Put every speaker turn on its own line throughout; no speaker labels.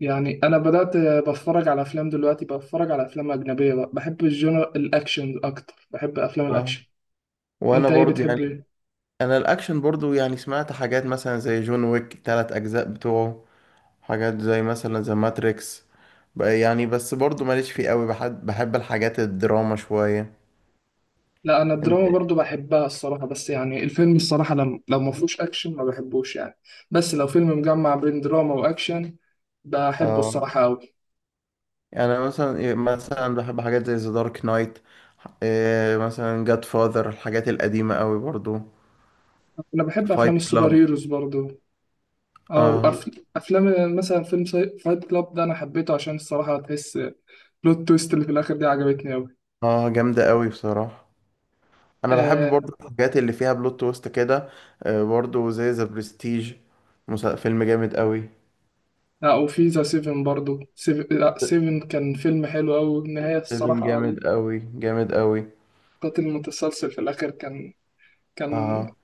يعني انا بدات بتفرج على افلام دلوقتي، بتفرج على افلام اجنبيه بقى. بحب الجنر الاكشن اكتر، بحب افلام
اه.
الاكشن.
وانا
انت ايه
برضو يعني
بتحب ايه؟
انا الاكشن برضو يعني سمعت حاجات مثلا زي جون ويك تلات اجزاء بتوعه، حاجات زي مثلا زي ماتريكس بقى. يعني بس برضو ماليش فيه قوي، بحب بحب الحاجات الدراما شوية.
لا انا
انت
الدراما
إيه؟
برضو بحبها الصراحه، بس يعني الفيلم الصراحه لما لو ما فيهوش اكشن ما بحبوش يعني. بس لو فيلم مجمع بين دراما واكشن بحبه
اه،
الصراحه قوي.
يعني أنا مثلا مثلا بحب حاجات زي ذا دارك نايت. مثلا جاد فاذر، الحاجات القديمة قوي برضو.
انا بحب
فايت
افلام السوبر
كلاب.
هيروز برضو. او
اه.
افلام مثلا فيلم فايت كلاب ده، انا حبيته عشان الصراحه تحس. بلوت تويست اللي في الاخر دي عجبتني
اه جامدة قوي بصراحة. انا بحب
قوي.
برضو الحاجات اللي فيها بلوت تويست كده. برضو زي ذا برستيج. فيلم جامد قوي.
لا، وفي ذا سيفن برضو، سيف... لا سيفن كان فيلم حلو أوي النهاية
سيفن
الصراحة.
جامد قوي، جامد قوي.
القاتل المتسلسل في الآخر كان
اه.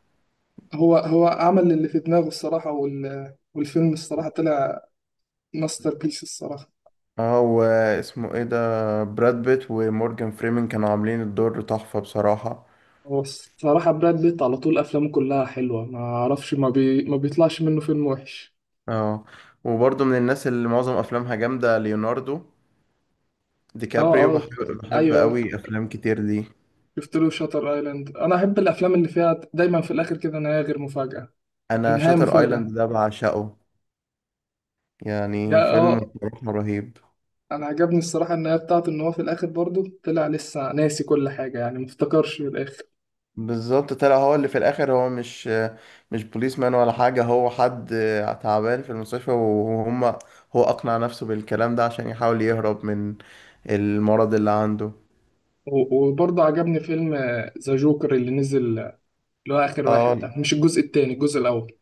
هو عمل اللي في دماغه الصراحة، والفيلم الصراحة طلع ماستر بيس الصراحة.
اه، واسمه ايه ده؟ براد بيت ومورجان فريمن كانوا عاملين الدور تحفة بصراحة.
هو الصراحة براد بيت على طول أفلامه كلها حلوة، ما أعرفش ما بيطلعش منه فيلم وحش.
اه، وبرضو من الناس اللي معظم افلامها جامدة ليوناردو دي
اه،
كابريو،
اه،
بحب بحب
ايوه.
قوي افلام كتير دي.
شفت له شاتر ايلاند، انا احب الافلام اللي فيها دايما في الاخر كده نهايه غير مفاجاه،
انا
نهايه
شاتر
مفاجاه.
ايلاند ده بعشقه،
يا
يعني فيلم
اه،
بصراحة رهيب.
انا عجبني الصراحه النهايه بتاعته، ان هو في الاخر برضه طلع لسه ناسي كل حاجه، يعني مفتكرش في الاخر.
بالظبط، طلع هو اللي في الاخر هو مش بوليس مان ولا حاجه، هو حد تعبان في المستشفى وهم، هو اقنع نفسه بالكلام ده عشان يحاول يهرب من المرض اللي عنده.
وبرضه عجبني فيلم ذا جوكر اللي نزل، اللي هو اخر
اه.
واحد ده، مش الجزء التاني، الجزء الاول.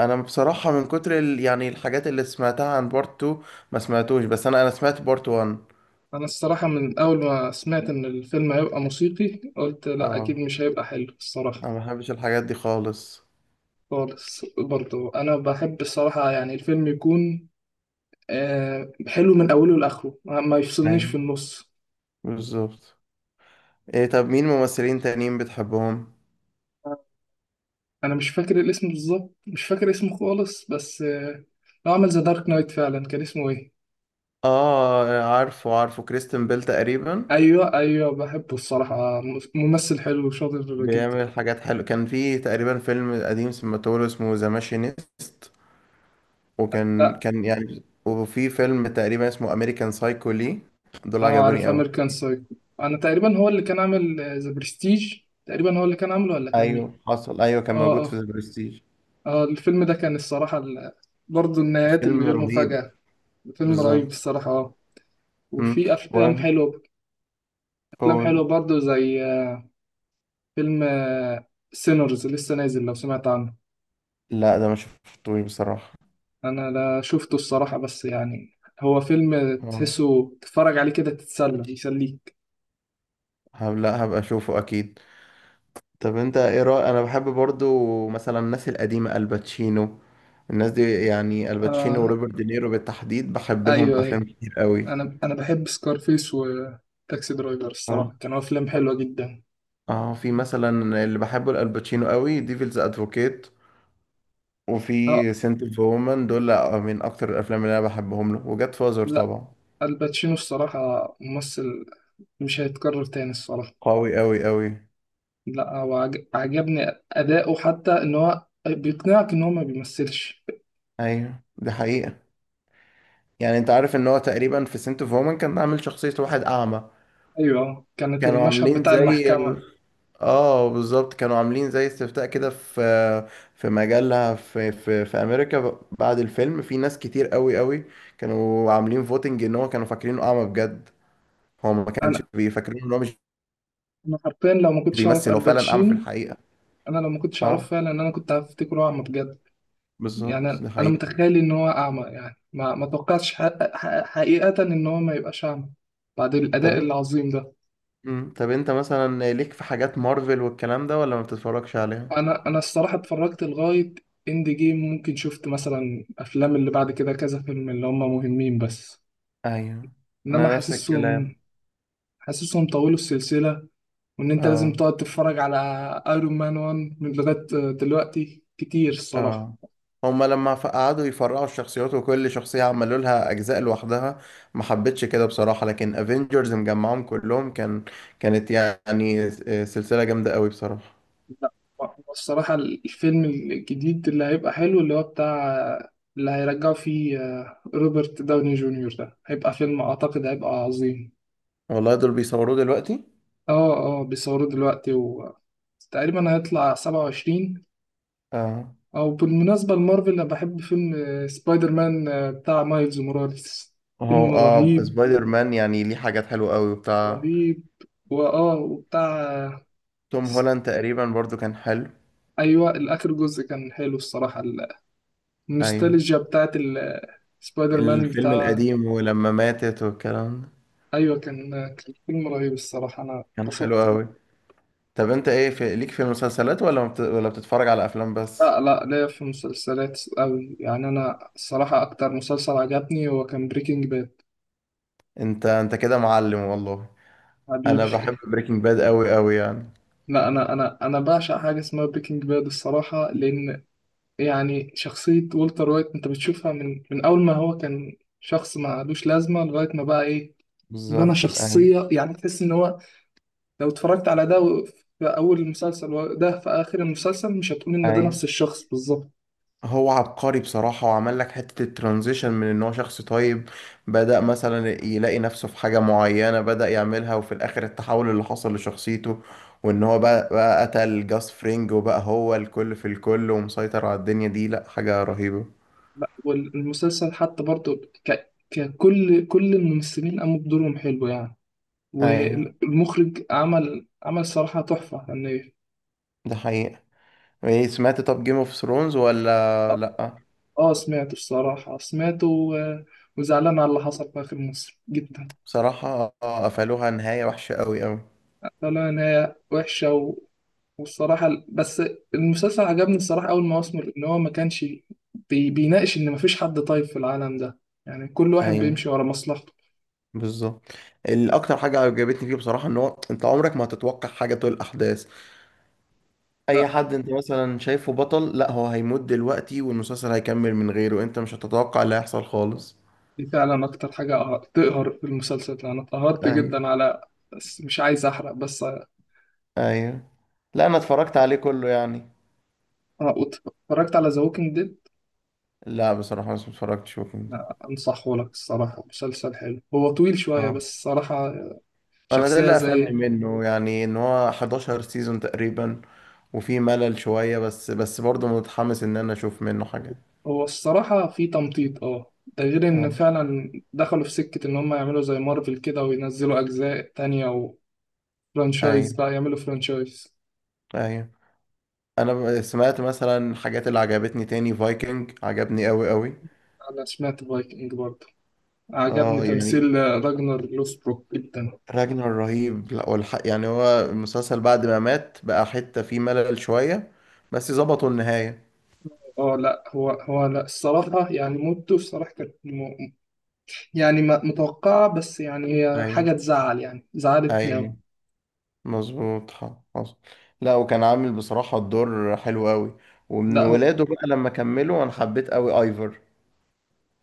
بصراحه يعني الحاجات اللي سمعتها عن بارت 2 ما سمعتوش، بس انا سمعت بارت 1.
انا الصراحه من اول ما سمعت ان الفيلم هيبقى موسيقي قلت لا اكيد
اه،
مش هيبقى حلو الصراحه.
انا ما بحبش الحاجات دي خالص.
خالص برضه انا بحب الصراحه يعني الفيلم يكون حلو من اوله لاخره، ما يفصلنيش في
ايوه،
النص.
بالظبط. ايه، طب مين ممثلين تانيين بتحبهم؟
انا مش فاكر الاسم بالظبط، مش فاكر اسمه خالص، بس هو عمل ذا دارك نايت فعلا، كان اسمه ايه.
اه، عارفه كريستن بيل تقريبا.
ايوه ايوه، بحبه الصراحه، ممثل حلو وشاطر جدا.
بيعمل حاجات حلوة، كان في تقريبا فيلم قديم سمعته اسمه ذا ماشينيست، وكان
لا،
كان يعني، وفي فيلم تقريبا اسمه امريكان سايكو. لي دول
اه،
عجبوني
عارف
قوي.
امريكان سايكو. انا تقريبا هو اللي كان عامل ذا برستيج، تقريبا هو اللي كان عامله، ولا كان
ايوه
مين.
حصل، ايوه كان
اه
موجود في
اه،
ذا برستيج.
اه الفيلم ده كان الصراحه برضه النهايات
فيلم
الغير
رهيب.
مفاجاه، فيلم رهيب
بالظبط.
الصراحه، اه.
امم.
وفي
و
افلام حلوه، افلام حلوه
أقول-
برضه زي فيلم سينرز لسه نازل، لو سمعت عنه.
لا ده ما شفتوش بصراحة.
انا لا شفته الصراحة، بس يعني هو فيلم
آه.
تحسه تتفرج عليه كده تتسلى، يسليك.
لا هبقى اشوفه اكيد. طب انت ايه رأي؟ انا بحب برضو مثلا الناس القديمة، الباتشينو، الناس دي، يعني الباتشينو
آه،
وروبرت دينيرو بالتحديد بحب لهم
ايوه
افلام
ايوه.
كتير قوي.
انا بحب سكارفيس وتاكسي درايفر
اه
الصراحة، كانوا افلام حلوة جدا.
اه، في مثلا اللي بحبه الالباتشينو قوي ديفلز ادفوكيت،
اه.
وفي سنت اوف وومن، دول من اكتر الافلام اللي انا بحبهم له، وجاد فازر
لا
طبعا.
الباتشينو الصراحة ممثل مش هيتكرر تاني الصراحة.
قوي قوي قوي.
لا هو عجبني أداؤه، حتى إن هو بيقنعك إن هو ما بيمثلش.
ايوه دي حقيقة. يعني انت عارف ان هو تقريبا في سنت اوف وومن كان عامل شخصية واحد اعمى؟
أيوه كانت
كانوا
المشهد
عاملين
بتاع
زي،
المحكمة.
اه بالظبط، كانوا عاملين زي استفتاء كده في في مجلة في في امريكا، بعد الفيلم في ناس كتير قوي قوي كانوا عاملين فوتنج ان هو كانوا فاكرينه اعمى بجد، هو ما كانش
أنا
بيفكرين ان هو مش
أنا حرفيا لو ما كنتش أعرف
بيمثل، هو فعلا اعمى في
الباتشينو،
الحقيقة.
انا لو ما كنتش اعرفه
اه
فعلا ان انا كنت هفتكره اعمى بجد. يعني
بالظبط،
انا
ده حقيقي.
متخيل ان هو اعمى، يعني ما توقعتش حقيقة ان هو ما يبقاش اعمى بعد
طب
الاداء
انت
العظيم ده.
طب انت مثلا ليك في حاجات مارفل والكلام ده ولا ما بتتفرجش عليها؟
انا الصراحة اتفرجت لغاية اند جيم، ممكن شفت مثلا افلام اللي بعد كده كذا فيلم اللي هم مهمين، بس
ايوه،
انما
انا نفس الكلام.
حاسسهم طولوا السلسلة، وان انت لازم
اه
تقعد تتفرج على ايرون مان 1 من لغاية دلوقتي كتير الصراحة.
اه، هما لما قعدوا يفرعوا الشخصيات وكل شخصية عملوا لها أجزاء لوحدها، ما حبيتش كده بصراحة. لكن افنجرز مجمعهم كلهم كان، كانت يعني سلسلة جامدة قوي بصراحة.
لا هو الصراحة الفيلم الجديد اللي هيبقى حلو، اللي هو بتاع اللي هيرجعوا فيه روبرت داوني جونيور، ده هيبقى فيلم أعتقد هيبقى عظيم.
والله دول بيصوروه دلوقتي.
اه اه، بيصوروه دلوقتي وتقريبا هيطلع 27.
اه.
أو بالمناسبة لمارفل أنا بحب فيلم سبايدر مان بتاع مايلز موراليس،
هو
فيلم
اه
رهيب،
سبايدر مان يعني ليه حاجات حلوة قوي وبتاع.
رهيب. وبتاع
توم
س-
هولاند تقريبا برضو كان حلو.
أيوة الآخر جزء كان حلو الصراحة،
ايوه،
النوستالجيا بتاعت سبايدر مان.
الفيلم القديم ولما ماتت والكلام ده،
ايوه كان فيلم رهيب الصراحه، انا
كان حلو
اتبسطت.
قوي. طب انت ايه، في ليك في المسلسلات ولا ما بت... ولا بتتفرج على افلام بس؟
لا لا، ليا في مسلسلات قوي يعني. انا الصراحه اكتر مسلسل عجبني هو كان بريكنج باد.
انت كده معلم والله.
حبيبي
انا بحب بريكنج باد قوي قوي يعني.
لا انا انا بعشق حاجه اسمها بريكنج باد الصراحه، لان يعني شخصيه والتر وايت انت بتشوفها من اول ما هو كان شخص ما لوش لازمه لغايه ما بقى ايه، بنى
بالظبط. ايوه
شخصيه. يعني تحس ان هو لو اتفرجت على ده في اول المسلسل، وده في اخر المسلسل، مش هتقول ان ده
ايوه.
نفس الشخص بالظبط.
هو عبقري بصراحة، وعمل لك حتة الترانزيشن من ان هو شخص طيب بدأ مثلا يلاقي نفسه في حاجة معينة بدأ يعملها، وفي الاخر التحول اللي حصل لشخصيته، وان هو بقى, بقى قتل جاس فرينج وبقى هو الكل في الكل ومسيطر على الدنيا دي، لا حاجة رهيبة.
لا، والمسلسل حتى برضو ك... ككل كل الممثلين قاموا بدورهم حلو يعني،
ايوه،
والمخرج عمل صراحة تحفة يعني.
ده حقيقة. ايه، سمعت طب جيم اوف ثرونز ولا
اه،
لا؟
سمعته الصراحة، وزعلان على اللي حصل في آخر مصر جدا.
بصراحة قفلوها نهاية وحشة قوي قوي.
طلع نهاية وحشة، والصراحة بس المسلسل عجبني الصراحة أول ما أسمر إن هو ما كانش بيناقش إن مفيش حد طيب في العالم ده، يعني كل واحد
ايوه
بيمشي ورا مصلحته.
بالظبط. الاكتر حاجه عجبتني فيه بصراحه ان هو انت عمرك ما هتتوقع حاجه طول الاحداث. اي حد انت مثلا شايفه بطل، لا هو هيموت دلوقتي والمسلسل هيكمل من غيره، انت مش هتتوقع اللي هيحصل خالص.
دي فعلا اكتر حاجة تقهر في المسلسل، انا اتقهرت جدا
ايوه
على، بس مش عايز احرق، بس اه.
ايوه. لا انا اتفرجت عليه كله يعني.
وت- اتفرجت على ذا ووكينج ديد،
لا بصراحه بس ما اتفرجتش وكنت.
انصحه لك الصراحة مسلسل حلو، هو طويل شوية
اه،
بس الصراحة
انا ده
شخصية
اللي قفلني
زي.
منه، يعني ان هو 11 سيزون تقريبا وفي ملل شويه، بس بس برضه متحمس ان انا اشوف منه حاجه.
هو الصراحة في تمطيط اه، ده غير ان
اه.
فعلا دخلوا في سكة ان هم يعملوا زي مارفل كده وينزلوا اجزاء تانية
ايوه
وفرانشايز بقى، يعملوا فرانشايز.
ايوه. انا سمعت مثلا الحاجات اللي عجبتني تاني فايكنج، عجبني قوي قوي.
انا سمعت فايكنج برضه، عجبني
اه يعني،
تمثيل راجنر لوسبروك جدا.
راجنر رهيب. لا والحق يعني هو المسلسل بعد ما مات بقى حتة فيه ملل شوية، بس ظبطوا النهاية.
اه لا هو، لا الصراحة يعني موته الصراحة كانت يعني متوقعة، بس يعني هي
ايوه
حاجة تزعل يعني، زعلتني
ايوه،
أوي.
مظبوط حصل. لا وكان عامل بصراحة الدور حلو قوي. ومن
لا هو
ولاده بقى لما كملوا انا حبيت قوي ايفر.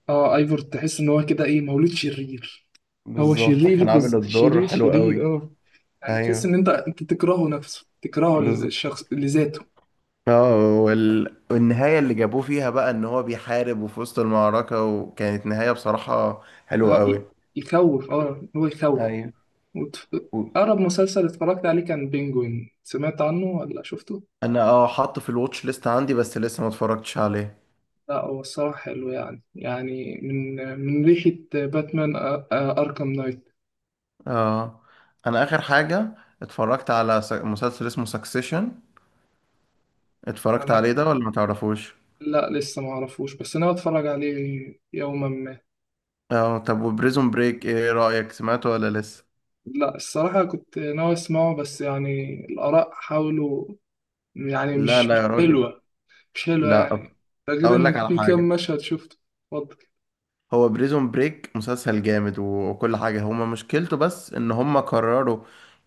اه ايفور تحس ان هو كده ايه، مولود شرير. هو
بالظبط،
شرير
كان عامل الدور
شرير
حلو
شرير
قوي.
اه، يعني تحس ان
ايوه
انت تكرهه نفسه، تكرهه
بالظبط.
الشخص لذاته.
اه، والنهاية اللي جابوه فيها بقى ان هو بيحارب وفي وسط المعركة، وكانت نهاية بصراحة حلوة
اه
قوي.
يخوف، اه هو يخوف.
ايوه.
وت...
و-
اقرب مسلسل اتفرجت عليه كان بينجوين، سمعت عنه ولا شفته؟
انا اه حاطه في الواتش ليست عندي بس لسه ما اتفرجتش عليه.
لا هو الصراحة حلو يعني، يعني من ريحة باتمان أركام نايت.
اه، انا اخر حاجة اتفرجت على مسلسل اسمه سكسيشن، اتفرجت
أنا
عليه ده ولا ما تعرفوش؟
لا لسه ما أعرفوش، بس أنا بتفرج عليه يوما ما.
اه، طب وبريزون بريك ايه رأيك، سمعته ولا لسه؟
لا الصراحة كنت ناوي أسمعه، بس يعني الآراء حاولوا يعني،
لا
مش
لا
مش
يا راجل.
حلوة، مش حلوة
لا
يعني، ده غير
اقول
إن
لك على
في كام
حاجة.
مشهد شفته. اتفضل.
هو بريزون بريك مسلسل جامد، وكل حاجة، هما مشكلته بس ان هما كرروا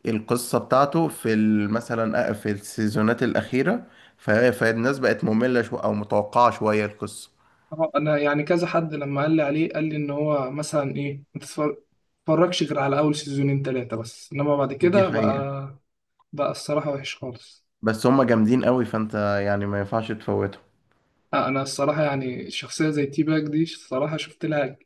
القصة بتاعته في مثلا في السيزونات الأخيرة، فالناس بقت مملة شو او متوقعة شوية القصة.
أنا يعني كذا حد لما قال لي عليه قال لي إن هو مثلا إيه ما تتفر- تتفرجش غير على أول سيزونين تلاتة بس، إنما بعد
دي
كده
حقيقة.
بقى الصراحة وحش خالص.
بس هما جامدين قوي فانت يعني ما ينفعش تفوتهم.
انا الصراحه يعني شخصيه زي تي باك دي، الصراحه شفت لها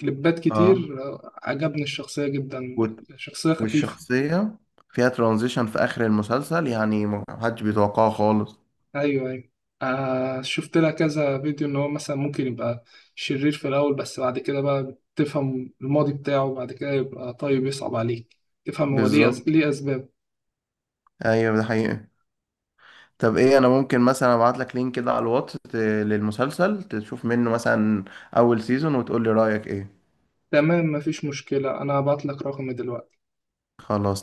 كليبات
اه.
كتير، عجبني الشخصيه جدا،
وال-
شخصيه خفيفه.
والشخصية فيها ترانزيشن في آخر المسلسل يعني محدش بيتوقعه خالص.
ايوه ايوه، آه شفت لها كذا فيديو ان هو مثلا ممكن يبقى شرير في الاول، بس بعد كده بقى تفهم الماضي بتاعه، بعد كده يبقى طيب يصعب عليك تفهم هو ليه، ليه
بالظبط.
اسباب.
ايوه ده حقيقة. طب ايه، انا ممكن مثلا ابعت لك لينك كده على الواتس للمسلسل تشوف منه مثلا اول سيزون وتقول لي رايك ايه؟
تمام مفيش مشكله، انا هبعت لك رقمي دلوقتي.
خلاص.